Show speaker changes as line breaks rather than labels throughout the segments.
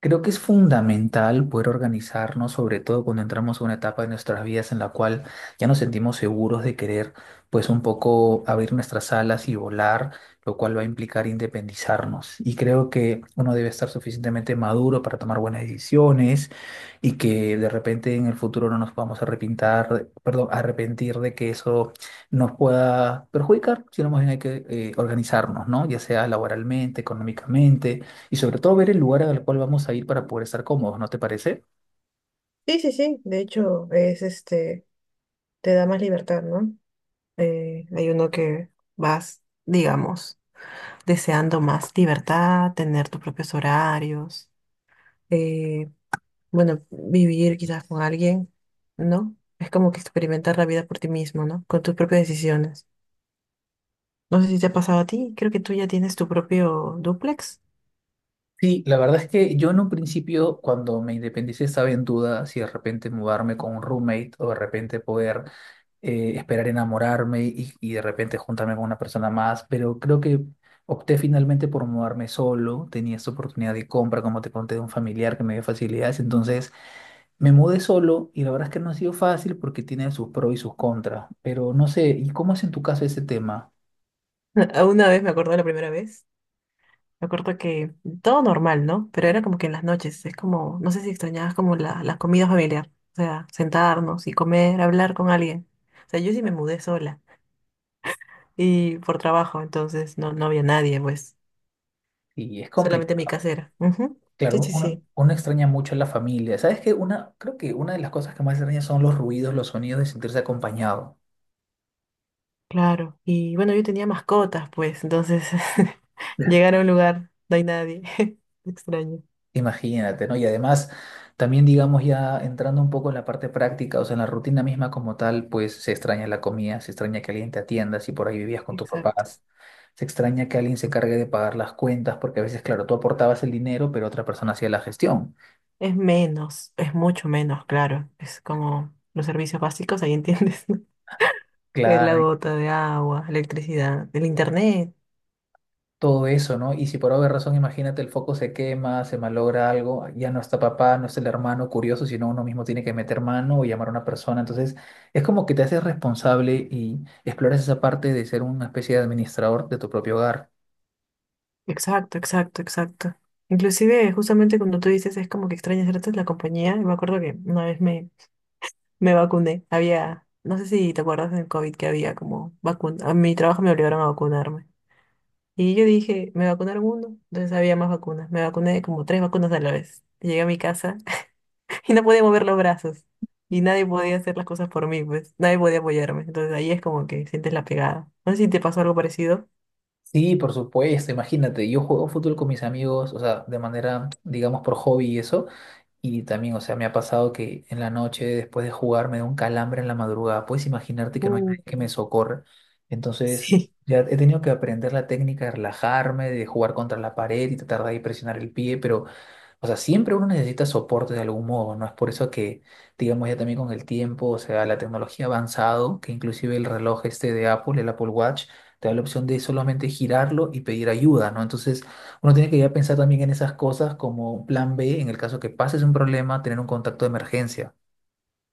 Creo que es fundamental poder organizarnos, sobre todo cuando entramos a una etapa de nuestras vidas en la cual ya nos sentimos seguros de querer, pues un poco abrir nuestras alas y volar, lo cual va a implicar independizarnos. Y creo que uno debe estar suficientemente maduro para tomar buenas decisiones y que de repente en el futuro no nos podamos arrepintar, perdón, arrepentir de que eso nos pueda perjudicar, sino más bien hay que organizarnos, ¿no? Ya sea laboralmente, económicamente y sobre todo ver el lugar al cual vamos a ir para poder estar cómodos, ¿no te parece?
Sí, sí, sí. De hecho, es este, te da más libertad, ¿no? Hay uno que vas, digamos, deseando más libertad, tener tus propios horarios, eh, bueno, vivir quizás con alguien, ¿no? Es como que experimentar la vida por ti mismo, ¿no? Con tus propias decisiones. No sé si te ha pasado a ti, creo que tú ya tienes tu propio dúplex.
Sí, la verdad es que yo en un principio, cuando me independicé, estaba en duda si de repente mudarme con un roommate o de repente poder esperar enamorarme y de repente juntarme con una persona más, pero creo que opté finalmente por mudarme solo, tenía esta oportunidad de compra, como te conté, de un familiar que me dio facilidades, entonces me mudé solo y la verdad es que no ha sido fácil porque tiene sus pros y sus contras, pero no sé, ¿y cómo es en tu caso ese tema?
Una vez me acuerdo la primera vez. Me acuerdo que todo normal, ¿no? Pero era como que en las noches, es como, no sé si extrañabas como la comida familiar, o sea, sentarnos y comer, hablar con alguien. O sea, yo sí me mudé sola y por trabajo, entonces no, no había nadie, pues,
Y es
solamente mi
complicado.
casera. Ujú. Sí,
Claro,
sí,
uno,
sí,
uno extraña mucho a la familia. ¿Sabes qué? Una, creo que una de las cosas que más extraña son los ruidos, los sonidos de sentirse acompañado.
claro. Y bueno, yo tenía mascotas, pues, entonces
Ya.
llegar a un lugar, no hay nadie. Extraño.
Imagínate, ¿no? Y además, también digamos ya entrando un poco en la parte práctica, o sea, en la rutina misma como tal, pues se extraña la comida, se extraña que alguien te atienda si por ahí vivías con tus
Exacto.
papás, se extraña que alguien se encargue de pagar las cuentas, porque a veces, claro, tú aportabas el dinero, pero otra persona hacía la gestión.
Es menos, es mucho menos, claro. Es como los servicios básicos, ahí entiendes. La
Claro,
gota de agua, electricidad, el internet.
todo eso, ¿no? Y si por alguna razón, imagínate, el foco se quema, se malogra algo, ya no está papá, no está el hermano curioso, sino uno mismo tiene que meter mano o llamar a una persona. Entonces, es como que te haces responsable y exploras esa parte de ser una especie de administrador de tu propio hogar.
Exacto, exacto, exacto. Inclusive, justamente cuando tú dices es como que extrañas ciertas la compañía, y me acuerdo que una vez me vacuné. Había, no sé si te acuerdas del COVID que había como vacuna. A mi trabajo me obligaron a vacunarme. Y yo dije, me vacunaron uno, entonces había más vacunas. Me vacuné como tres vacunas a la vez. Llegué a mi casa y no podía mover los brazos. Y nadie podía hacer las cosas por mí, pues. Nadie podía apoyarme. Entonces ahí es como que sientes la pegada. No sé si te pasó algo parecido.
Sí, por supuesto, imagínate, yo juego fútbol con mis amigos, o sea, de manera, digamos, por hobby y eso, y también, o sea, me ha pasado que en la noche, después de jugar, me da un calambre en la madrugada, puedes imaginarte que no hay nadie que
Mm,
me socorra, entonces
sí,
ya he tenido que aprender la técnica de relajarme, de jugar contra la pared y tratar de ahí presionar el pie, pero o sea, siempre uno necesita soporte de algún modo, ¿no? Es por eso que, digamos, ya también con el tiempo, o sea, la tecnología ha avanzado, que inclusive el reloj este de Apple, el Apple Watch, te da la opción de solamente girarlo y pedir ayuda, ¿no? Entonces, uno tiene que ya pensar también en esas cosas como un plan B, en el caso que pases un problema, tener un contacto de emergencia.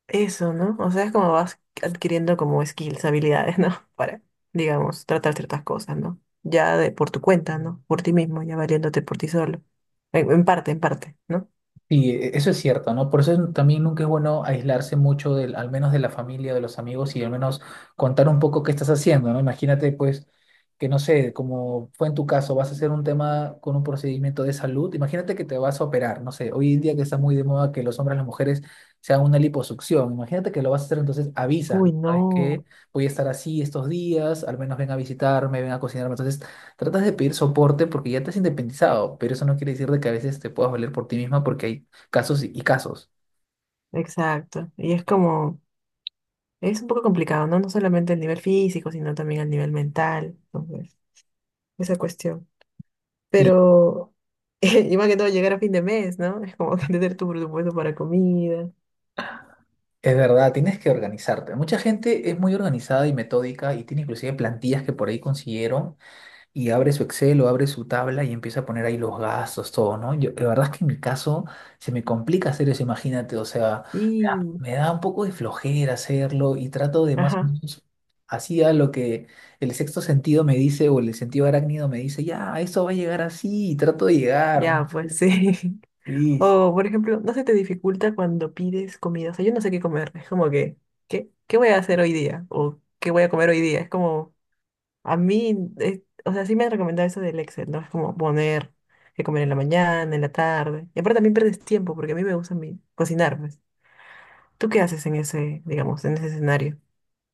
eso, ¿no? O sea, es como vas adquiriendo como skills, habilidades, ¿no? Para, digamos, tratar ciertas cosas, ¿no? Ya de, por tu cuenta, ¿no? Por ti mismo, ya valiéndote por ti solo. En parte, en parte, ¿no?
Sí, eso es cierto, ¿no? Por eso también nunca es bueno aislarse mucho del, al menos de la familia, de los amigos y al menos contar un poco qué estás haciendo, ¿no? Imagínate, pues, que no sé, como fue en tu caso, vas a hacer un tema con un procedimiento de salud. Imagínate que te vas a operar, no sé, hoy en día que está muy de moda que los hombres, las mujeres se hagan una liposucción. Imagínate que lo vas a hacer, entonces avisas,
Uy,
¿no? ¿Sabes
no,
qué? Voy a estar así estos días, al menos ven a visitarme, ven a cocinarme. Entonces tratas de pedir soporte porque ya te has independizado, pero eso no quiere decir de que a veces te puedas valer por ti misma porque hay casos y casos.
exacto. Y es como, es un poco complicado, ¿no? No solamente el nivel físico, sino también el nivel mental, entonces, esa cuestión.
Sí,
Pero, y más que todo, llegar a fin de mes, ¿no? Es como que tener tu presupuesto para comida.
es verdad, tienes que organizarte. Mucha gente es muy organizada y metódica y tiene inclusive plantillas que por ahí consiguieron y abre su Excel o abre su tabla y empieza a poner ahí los gastos, todo, ¿no? Yo, la verdad es que en mi caso se me complica hacer eso, imagínate, o sea, me
Sí,
da, me da un poco de flojera hacerlo y trato de más o
ajá.
menos así a lo que el sexto sentido me dice o el sentido arácnido me dice, ya, esto va a llegar así y trato de llegar,
Ya,
¿no?
pues sí.
Sí. Sí.
O, por ejemplo, no se te dificulta cuando pides comida. O sea, yo no sé qué comer. Es como que, ¿qué voy a hacer hoy día? O, ¿qué voy a comer hoy día? Es como, a mí, o sea, sí me han recomendado eso del Excel, ¿no? Es como poner qué comer en la mañana, en la tarde. Y aparte también pierdes tiempo, porque a mí me gusta cocinar, pues. ¿Tú qué haces en ese, digamos, en ese escenario?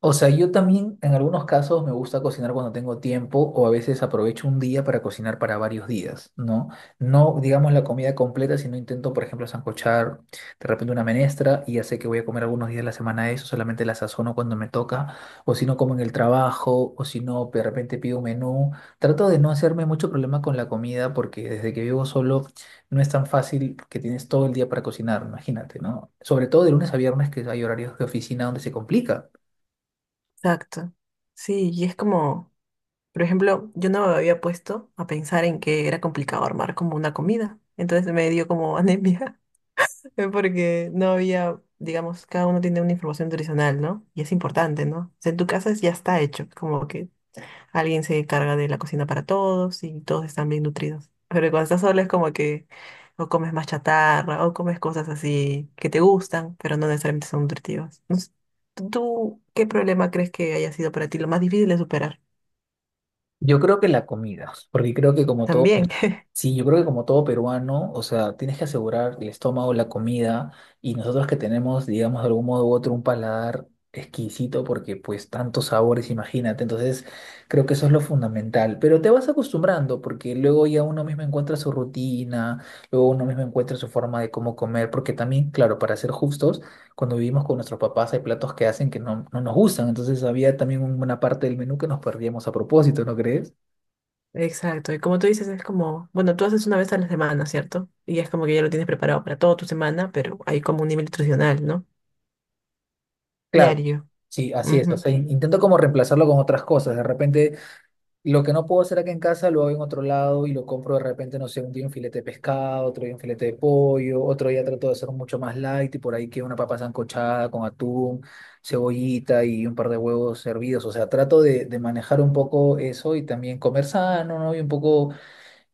O sea, yo también en algunos casos me gusta cocinar cuando tengo tiempo o a veces aprovecho un día para cocinar para varios días, ¿no? No digamos la comida completa, sino intento, por ejemplo, sancochar de repente una menestra y ya sé que voy a comer algunos días de la semana eso, solamente la sazono cuando me toca, o si no como en el trabajo, o si no de repente pido un menú. Trato de no hacerme mucho problema con la comida porque desde que vivo solo no es tan fácil que tienes todo el día para cocinar, imagínate, ¿no? Sobre todo de lunes a viernes que hay horarios de oficina donde se complica.
Exacto. Sí, y es como, por ejemplo, yo no me había puesto a pensar en que era complicado armar como una comida. Entonces me dio como anemia. Fue porque no había, digamos, cada uno tiene una información nutricional, ¿no? Y es importante, ¿no? O sea, en tu casa ya está hecho, como que alguien se encarga de la cocina para todos y todos están bien nutridos. Pero cuando estás sola es como que o comes más chatarra o comes cosas así que te gustan, pero no necesariamente son nutritivas. No sé, ¿tú qué problema crees que haya sido para ti lo más difícil de superar?
Yo creo que la comida, porque creo que como todo,
También.
sí, yo creo que como todo peruano, o sea, tienes que asegurar el estómago, la comida, y nosotros que tenemos, digamos, de algún modo u otro un paladar exquisito, porque pues tantos sabores, imagínate, entonces creo que eso es lo fundamental, pero te vas acostumbrando, porque luego ya uno mismo encuentra su rutina, luego uno mismo encuentra su forma de cómo comer, porque también, claro, para ser justos, cuando vivimos con nuestros papás hay platos que hacen que no, no nos gustan, entonces había también una parte del menú que nos perdíamos a propósito, ¿no crees?
Exacto, y como tú dices, es como, bueno, tú haces una vez a la semana, ¿cierto? Y es como que ya lo tienes preparado para toda tu semana, pero hay como un nivel nutricional, ¿no?
Claro,
Diario.
sí, así es, o
Ujú.
sea, intento como reemplazarlo con otras cosas, de repente lo que no puedo hacer acá en casa lo hago en otro lado y lo compro de repente, no sé, un día un filete de pescado, otro día un filete de pollo, otro día trato de hacer mucho más light y por ahí que una papa sancochada con atún, cebollita y un par de huevos hervidos, o sea, trato de manejar un poco eso y también comer sano, ¿no? Y un poco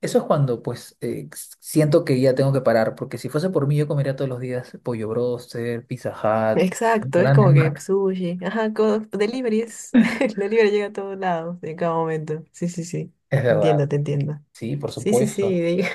eso es cuando, pues, siento que ya tengo que parar, porque si fuese por mí, yo comería todos los días pollo broster, Pizza Hut, ¿no?
Exacto, es
Grandes
como que
marcas.
sushi, ajá, delivery es, el delivery llega a todos lados en cada momento. Sí, sí, sí,
Es
te
verdad,
entiendo, te entiendo.
sí, por
Sí, sí, sí,
supuesto.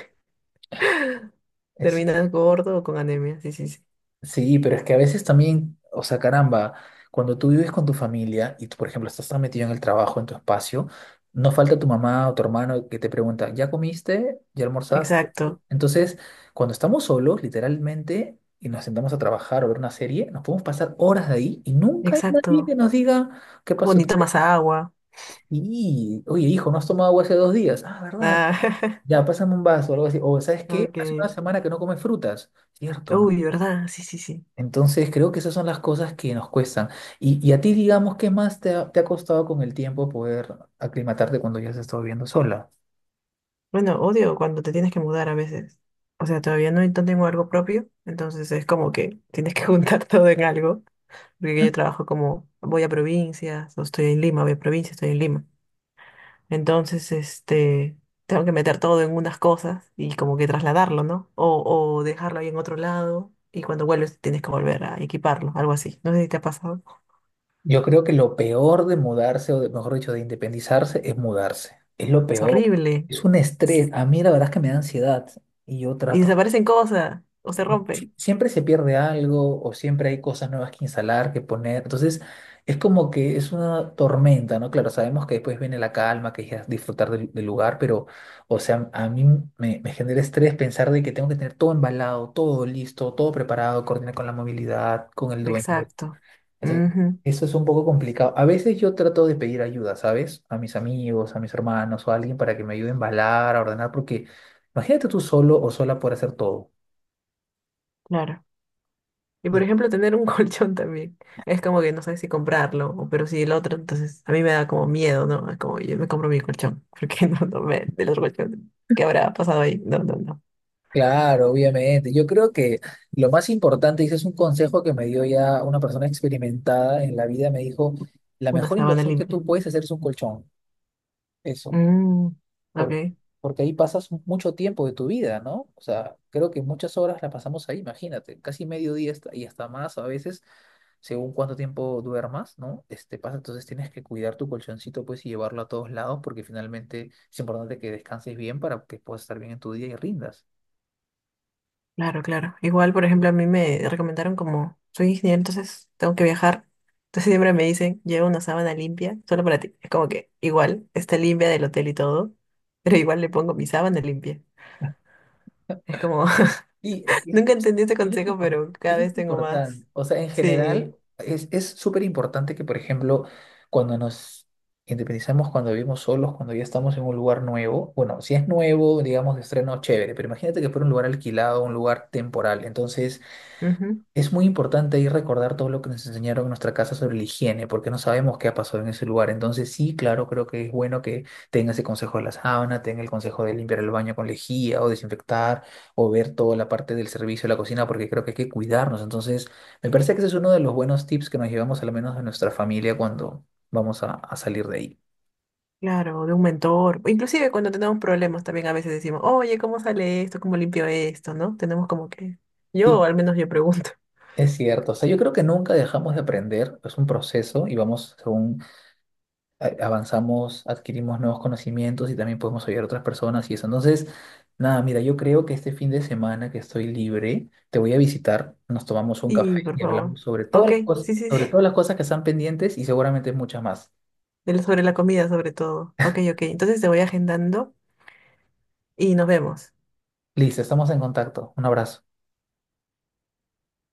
terminas gordo o con anemia, sí, sí, sí.
Sí, pero es que a veces también, o sea, caramba, cuando tú vives con tu familia y tú, por ejemplo, estás tan metido en el trabajo, en tu espacio, no falta tu mamá o tu hermano que te pregunta, ¿ya comiste? ¿Ya almorzaste?
Exacto,
Entonces, cuando estamos solos, literalmente, y nos sentamos a trabajar o ver una serie, nos podemos pasar horas de ahí y nunca hay nadie que
exacto.
nos diga, ¿qué
O
pasó?
ni tomas agua.
Y, oye, hijo, ¿no has tomado agua hace 2 días? Ah, ¿verdad?
Ah,
Ya, pásame un vaso o algo así. O, ¿sabes qué?
ok.
Hace una semana que no comes frutas. Cierto, ¿no?
Uy, ¿verdad? Sí, sí, sí.
Entonces creo que esas son las cosas que nos cuestan. Y a ti, digamos, ¿qué más te ha costado con el tiempo poder aclimatarte cuando ya has estado viviendo sola?
Bueno, odio cuando te tienes que mudar a veces. O sea, todavía no no tengo algo propio, entonces es como que tienes que juntar todo en algo, porque yo trabajo como voy a provincias, o estoy en Lima, voy a provincias, estoy en Lima. Entonces, este, tengo que meter todo en unas cosas y como que trasladarlo, ¿no? O dejarlo ahí en otro lado y cuando vuelves tienes que volver a equiparlo, algo así. No sé si te ha pasado.
Yo creo que lo peor de mudarse, o mejor dicho, de independizarse, es mudarse. Es lo
Es
peor.
horrible.
Es un estrés. A mí la verdad es que me da ansiedad y yo
Y
trato
desaparecen cosas o se
si-
rompen.
siempre se pierde algo o siempre hay cosas nuevas que instalar, que poner. Entonces, es como que es una tormenta, ¿no? Claro, sabemos que después viene la calma, que es disfrutar del lugar, pero, o sea, a mí me genera estrés pensar de que tengo que tener todo embalado, todo listo, todo preparado, coordinar con la movilidad, con el dueño.
Exacto.
Entonces,
Ujú,
eso es un poco complicado. A veces yo trato de pedir ayuda, ¿sabes? A mis amigos, a mis hermanos o a alguien para que me ayude a embalar, a ordenar, porque imagínate tú solo o sola por hacer todo.
claro. Y por ejemplo, tener un colchón también. Es como que no sabes si comprarlo, pero si el otro, entonces a mí me da como miedo, ¿no? Es como yo me compro mi colchón, porque no, no me, del otro colchón. ¿Qué habrá pasado ahí? No, no, no.
Claro, obviamente. Yo creo que lo más importante, y ese es un consejo que me dio ya una persona experimentada en la vida, me dijo, la
Una
mejor
sábana
inversión que
limpia.
tú puedes hacer es un colchón, eso,
Mm, ok,
por- porque ahí pasas mucho tiempo de tu vida, ¿no? O sea, creo que muchas horas la pasamos ahí, imagínate, casi medio día hasta- y hasta más a veces, según cuánto tiempo duermas, ¿no? Este pasa, entonces tienes que cuidar tu colchoncito, pues, y llevarlo a todos lados, porque finalmente es importante que descanses bien para que puedas estar bien en tu día y rindas.
claro, claro. Igual, por ejemplo, a mí me recomendaron como, soy ingeniero, entonces tengo que viajar. Entonces siempre me dicen, lleva una sábana limpia, solo para ti. Es como que igual, está limpia del hotel y todo, pero igual le pongo mi sábana limpia. Es como.
Sí, es que eso
Nunca
es,
entendí este
eso es
consejo,
impor-
pero cada
eso es
vez tengo más.
importante. O sea, en
Sí.
general, es súper importante que, por ejemplo, cuando nos independizamos, cuando vivimos solos, cuando ya estamos en un lugar nuevo, bueno, si es nuevo, digamos, de estreno, chévere, pero imagínate que fuera un lugar alquilado, un lugar temporal. Entonces,
Ujú.
es muy importante ahí recordar todo lo que nos enseñaron en nuestra casa sobre la higiene, porque no sabemos qué ha pasado en ese lugar. Entonces, sí, claro, creo que es bueno que tenga ese consejo de la sábana, tenga el consejo de limpiar el baño con lejía o desinfectar o ver toda la parte del servicio de la cocina, porque creo que hay que cuidarnos. Entonces, me parece que ese es uno de los buenos tips que nos llevamos al menos de nuestra familia cuando vamos a salir de ahí.
Claro, de un mentor. Inclusive cuando tenemos problemas también a veces decimos, oye, ¿cómo sale esto? ¿Cómo limpio esto? ¿No? Tenemos como que.
Sí,
Yo, al menos yo pregunto.
es cierto. O sea, yo creo que nunca dejamos de aprender, es un proceso y vamos según avanzamos, adquirimos nuevos conocimientos y también podemos ayudar a otras personas y eso. Entonces, nada, mira, yo creo que este fin de semana que estoy libre, te voy a visitar, nos tomamos un café
Y por
y
favor.
hablamos sobre todas
Ok,
las cosas,
sí, sí, sí.
sobre todas las cosas que están pendientes y seguramente muchas más.
Sobre la comida, sobre todo. Ok, ok. Entonces te voy agendando y nos vemos.
Listo, estamos en contacto. Un abrazo.